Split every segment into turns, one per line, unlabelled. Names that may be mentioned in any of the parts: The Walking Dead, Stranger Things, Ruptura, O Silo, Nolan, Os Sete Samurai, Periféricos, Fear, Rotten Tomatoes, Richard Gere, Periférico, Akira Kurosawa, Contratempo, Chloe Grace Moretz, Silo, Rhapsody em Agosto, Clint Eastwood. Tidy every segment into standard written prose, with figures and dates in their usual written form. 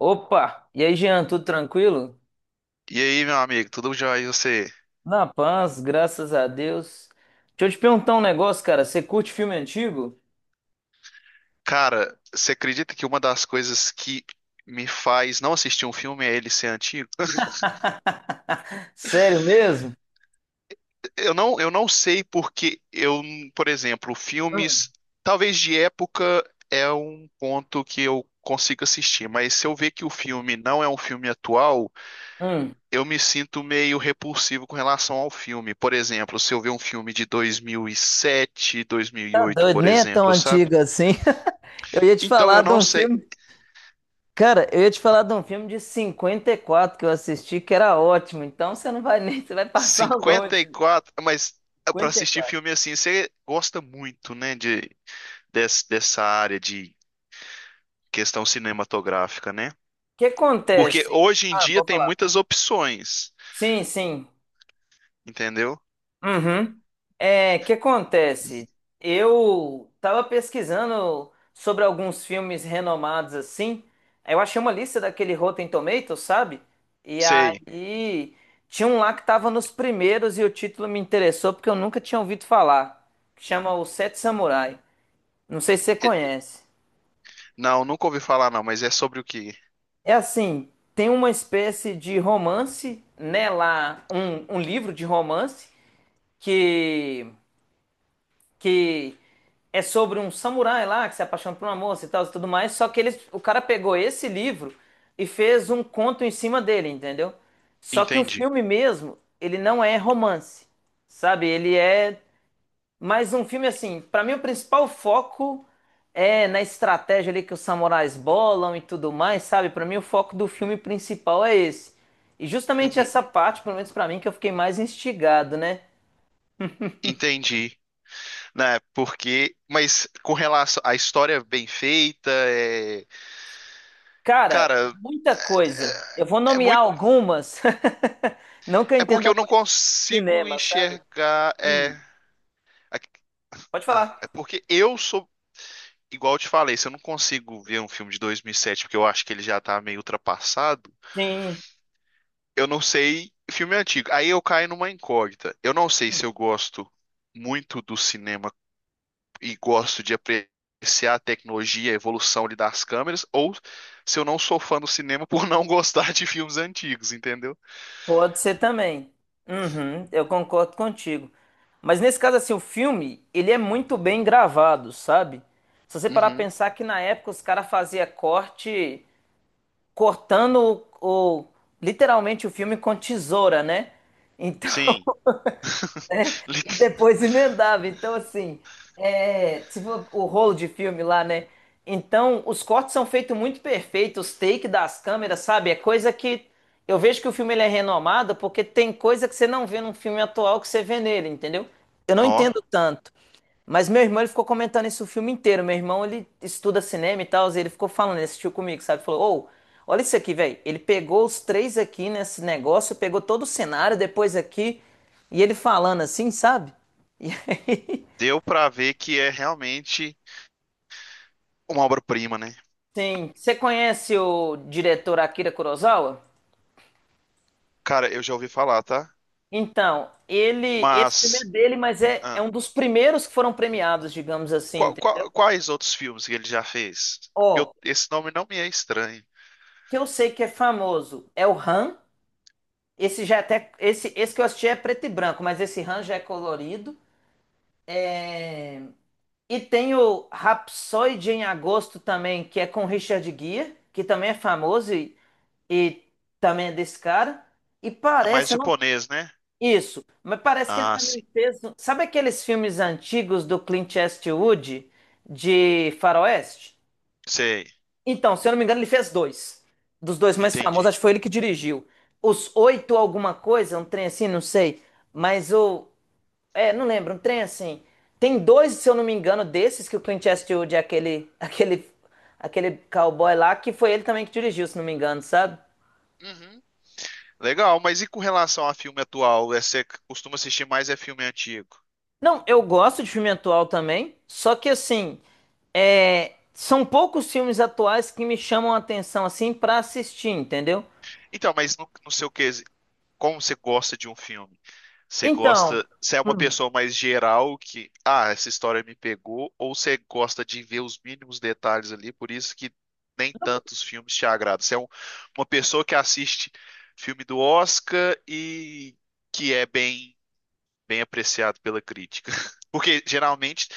Opa! E aí, Jean, tudo tranquilo?
E aí, meu amigo, tudo jóia? E você?
Na paz, graças a Deus. Deixa eu te perguntar um negócio, cara. Você curte filme antigo?
Cara, você acredita que uma das coisas que me faz não assistir um filme é ele ser antigo?
Sério mesmo?
Eu não sei porque eu, por exemplo,
Hum,
filmes, talvez de época é um ponto que eu consigo assistir, mas se eu ver que o filme não é um filme atual,
hum.
eu me sinto meio repulsivo com relação ao filme. Por exemplo, se eu ver um filme de 2007,
Tá
2008,
doido,
por
nem é tão
exemplo, sabe?
antigo assim. Eu ia te
Então,
falar
eu
de
não
um
sei.
filme. Cara, eu ia te falar de um filme de 54 que eu assisti, que era ótimo. Então você não vai nem, você vai passar
cinquenta e
longe.
quatro mas para
Cinquenta e
assistir
quatro.
filme assim, você gosta muito, né, de dessa área de questão cinematográfica, né?
O que
Porque
acontece?
hoje em
Ah,
dia
pode
tem
falar.
muitas opções,
Sim, sim.
entendeu?
Uhum. É, o que acontece? Eu tava pesquisando sobre alguns filmes renomados assim. Aí eu achei uma lista daquele Rotten Tomatoes, sabe? E
Sei.
aí tinha um lá que tava nos primeiros e o título me interessou porque eu nunca tinha ouvido falar. Que chama Os Sete Samurai. Não sei se você
E-
conhece.
Não, nunca ouvi falar não, mas é sobre o que?
É assim, tem uma espécie de romance, né? Lá, um livro de romance que que é sobre um samurai lá que se apaixona por uma moça e tal e tudo mais. Só que eles, o cara pegou esse livro e fez um conto em cima dele, entendeu? Só que o
Entendi.
filme mesmo, ele não é romance, sabe? Ele é mais um filme assim. Pra mim, o principal foco é na estratégia ali que os samurais bolam e tudo mais, sabe? Pra mim, o foco do filme principal é esse. E justamente
Uhum.
essa parte, pelo menos pra mim, que eu fiquei mais instigado, né?
Entendi. Né? Porque, mas com relação à história bem feita, é,
Cara,
cara,
muita coisa. Eu vou
é
nomear
muito,
algumas. Não que eu
é porque
entenda
eu não
muito de
consigo
cinema, sabe?
enxergar,
Hum,
a-
pode falar.
é porque eu sou igual eu te falei, se eu não consigo ver um filme de 2007 porque eu acho que ele já tá meio ultrapassado,
Sim,
eu não sei filme antigo. Aí eu caio numa incógnita. Eu não sei se eu gosto muito do cinema e gosto de apreciar a tecnologia, a evolução ali das câmeras, ou se eu não sou fã do cinema por não gostar de filmes antigos, entendeu?
pode ser também. Uhum, eu concordo contigo. Mas nesse caso, assim, o filme, ele é muito bem gravado, sabe? Se você parar pra
Uhum.
pensar que na época os caras faziam corte, cortando literalmente o filme com tesoura, né? Então,
Sim. Li-
e depois emendava. Então, assim, é, se for o rolo de filme lá, né? Então, os cortes são feitos muito perfeitos, os takes das câmeras, sabe? É coisa que eu vejo que o filme ele é renomado porque tem coisa que você não vê num filme atual que você vê nele, entendeu? Eu não
Nó,
entendo tanto. Mas meu irmão, ele ficou comentando isso o filme inteiro. Meu irmão, ele estuda cinema e tal, e ele ficou falando, ele assistiu comigo, sabe? Falou, ô, olha isso aqui, velho. Ele pegou os três aqui nesse negócio, pegou todo o cenário, depois aqui, e ele falando assim, sabe? E aí,
deu pra ver que é realmente uma obra-prima, né?
sim. Você conhece o diretor Akira Kurosawa?
Cara, eu já ouvi falar, tá?
Então, ele, esse filme é
Mas
dele, mas é
ah,
um dos primeiros que foram premiados, digamos assim, entendeu?
quais outros filmes que ele já fez? Porque eu-
Ó,
esse nome não me é estranho.
que eu sei que é famoso é o Han. Esse já é até. Esse que eu assisti é preto e branco, mas esse Han já é colorido. É, e tem o Rhapsody em Agosto também, que é com Richard Gere, que também é famoso e também é desse cara. E
É mais
parece, eu não.
japonês, né?
Isso, mas parece que ele
Ah,
também
sim.
fez. Um, sabe aqueles filmes antigos do Clint Eastwood de Faroeste?
Sei.
Então, se eu não me engano, ele fez dois. Dos dois mais famosos,
Entendi.
acho que foi ele que dirigiu. Os oito alguma coisa, um trem assim, não sei. Mas o. É, não lembro, um trem assim. Tem dois, se eu não me engano, desses que o Clint Eastwood é aquele, aquele, aquele cowboy lá, que foi ele também que dirigiu, se não me engano, sabe?
Uhum. Legal, mas e com relação a filme atual? É, você costuma assistir mais é filme antigo?
Não, eu gosto de filme atual também, só que assim, é, são poucos filmes atuais que me chamam a atenção assim pra assistir, entendeu?
Então, mas no seu quesito, como você gosta de um filme? Você
Então,
gosta, você é uma pessoa mais geral que, ah, essa história me pegou, ou você gosta de ver os mínimos detalhes ali, por isso que nem tantos filmes te agradam. Você é uma pessoa que assiste filme do Oscar e que é bem bem apreciado pela crítica. Porque geralmente,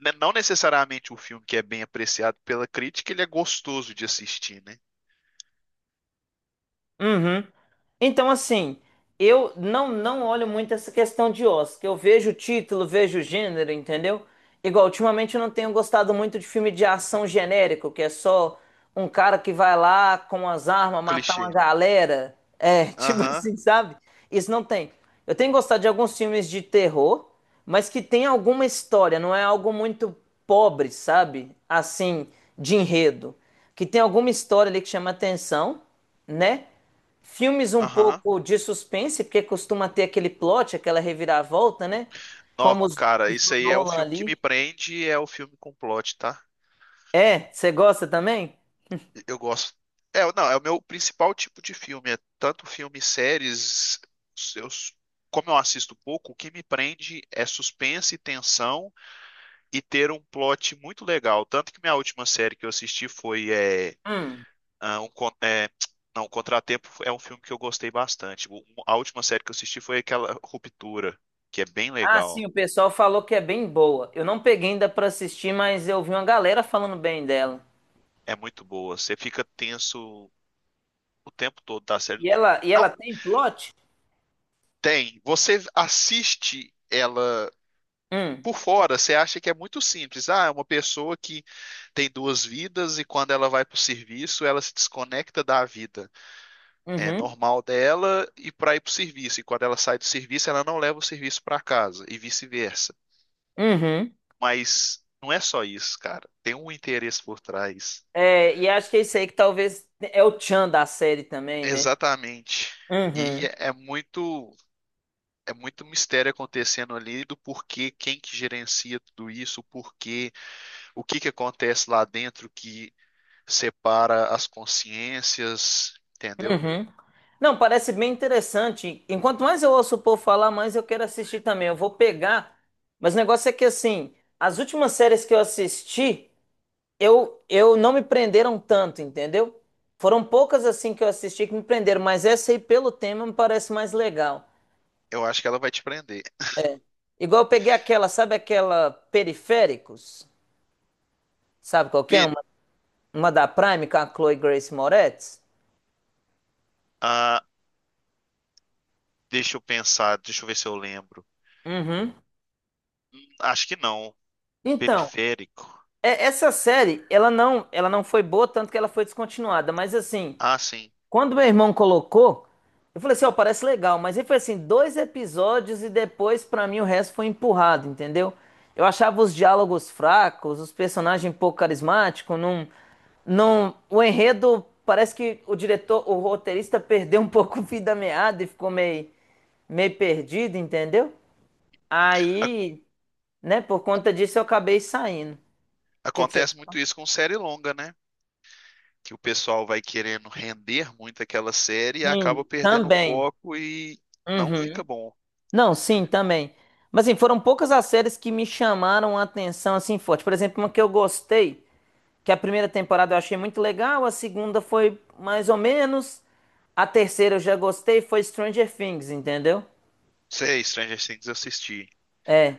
né, não necessariamente o filme que é bem apreciado pela crítica, ele é gostoso de assistir, né?
uhum. Então, assim, eu não olho muito essa questão de Oscar. Eu vejo o título, vejo o gênero, entendeu? Igual, ultimamente eu não tenho gostado muito de filme de ação genérico, que é só um cara que vai lá com as armas matar
Clichê.
uma galera. É, tipo
Aham,
assim, sabe? Isso não tem. Eu tenho gostado de alguns filmes de terror, mas que tem alguma história, não é algo muito pobre, sabe? Assim, de enredo. Que tem alguma história ali que chama atenção, né? Filmes um
aham.
pouco de suspense, porque costuma ter aquele plot, aquela reviravolta, né?
Nó,
Como os,
cara,
os do
isso aí é o
Nolan
filme que me
ali.
prende e é o filme com plot, tá?
É, você gosta também?
Eu gosto. É, não, é o meu principal tipo de filme. É tanto filme, séries. Eu, como eu assisto pouco, o que me prende é suspense, tensão e ter um plot muito legal. Tanto que minha última série que eu assisti foi é,
Hum.
ah, um, con- é, não, um Contratempo. É um filme que eu gostei bastante. A última série que eu assisti foi aquela Ruptura, que é bem
Ah, sim,
legal.
o pessoal falou que é bem boa. Eu não peguei ainda pra assistir, mas eu vi uma galera falando bem dela.
É muito boa. Você fica tenso o tempo todo da série.
E ela
Não
tem plot?
tem. Você assiste ela
Hum.
por fora, você acha que é muito simples. Ah, é uma pessoa que tem duas vidas e quando ela vai para o serviço, ela se desconecta da vida
Uhum.
normal dela e para ir para o serviço. E quando ela sai do serviço, ela não leva o serviço para casa e vice-versa.
Uhum.
Mas não é só isso, cara. Tem um interesse por trás.
É, e acho que é isso aí que talvez é o tchan da série também, né?
Exatamente. E
Uhum.
é é muito, é muito mistério acontecendo ali do porquê, quem que gerencia tudo isso, o porquê, o que que acontece lá dentro que separa as consciências, entendeu?
Uhum. Não, parece bem interessante. Enquanto mais eu ouço o povo falar, mais eu quero assistir também. Eu vou pegar, mas o negócio é que assim, as últimas séries que eu assisti, eu não me prenderam tanto, entendeu? Foram poucas assim que eu assisti que me prenderam, mas essa aí pelo tema me parece mais legal.
Eu acho que ela vai te prender.
Igual eu peguei aquela, sabe aquela Periféricos? Sabe qual que é?
Pe-
Uma da Prime com a Chloe Grace Moretz?
ah, Deixa eu pensar, deixa eu ver se eu lembro.
Uhum.
Acho que não.
Então,
Periférico.
é, essa série, ela não foi boa, tanto que ela foi descontinuada. Mas assim,
Ah, sim.
quando meu irmão colocou, eu falei assim, ó, parece legal. Mas ele foi assim, 2 episódios e depois, pra mim, o resto foi empurrado, entendeu? Eu achava os diálogos fracos, os personagens um pouco carismáticos, não, não, o enredo parece que o diretor, o roteirista perdeu um pouco o fio da meada e ficou meio, meio perdido, entendeu?
A-
Aí, né, por conta disso eu acabei saindo. O que que você
Acontece muito isso com série longa, né? Que o pessoal vai querendo render muito aquela série e acaba
sim,
perdendo o
também.
foco e não
Uhum.
fica bom.
Não, sim, também. Mas assim, foram poucas as séries que me chamaram a atenção assim forte. Por exemplo, uma que eu gostei, que é a primeira temporada eu achei muito legal, a segunda foi mais ou menos, a terceira eu já gostei, foi Stranger Things, entendeu?
Sei, Stranger Things eu assisti.
É,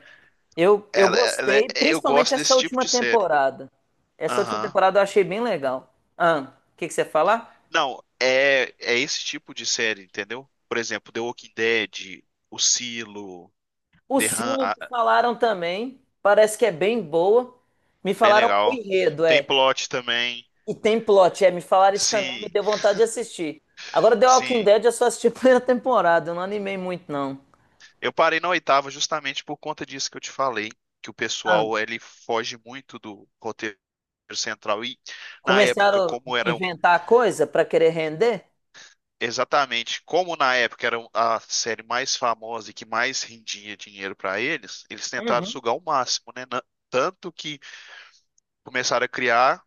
eu
Ela- ela é-
gostei,
eu
principalmente
gosto
essa
desse tipo
última
de série.
temporada. Essa última
Aham.
temporada eu achei bem legal. Ah, o que que você ia falar?
Não, é, é esse tipo de série, entendeu? Por exemplo, The Walking Dead, O Silo,
O
The Hun-
Silo
ah,
me falaram também, parece que é bem boa. Me
bem
falaram o
legal.
enredo,
Tem
é.
plot também.
E tem plot, é, me falaram isso também, me
Sim,
deu vontade de assistir. Agora, The Walking
sim.
Dead eu só assisti a primeira temporada, eu não animei muito, não.
Eu parei na oitava justamente por conta disso que eu te falei, que o
Ah,
pessoal ele foge muito do roteiro central e na época
começaram a
como eram
inventar coisa pra querer render?
exatamente como na época era a série mais famosa e que mais rendia dinheiro para eles, eles tentaram
Uhum.
sugar o máximo, né? Tanto que começaram a criar.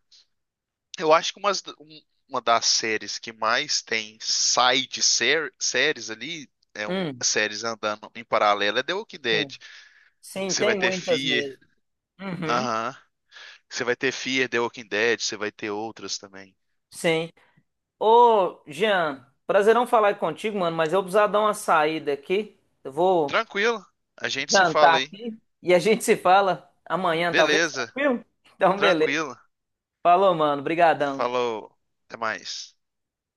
Eu acho que uma das séries que mais tem side séries ali,
Hum,
séries andando em paralelo, é The Walking
sim.
Dead.
Sim,
Você vai
tem
ter
muitas
Fear,
mesmo. Uhum.
aham. Você vai ter Fear, The Walking Dead, você vai ter outras também.
Sim. Ô, Jean, prazerão falar contigo, mano, mas eu precisava dar uma saída aqui. Eu vou
Tranquilo, a gente se
jantar
fala aí.
aqui e a gente se fala amanhã, talvez,
Beleza,
tranquilo? Então, beleza.
tranquilo.
Falou, mano. Brigadão.
Falou, até mais.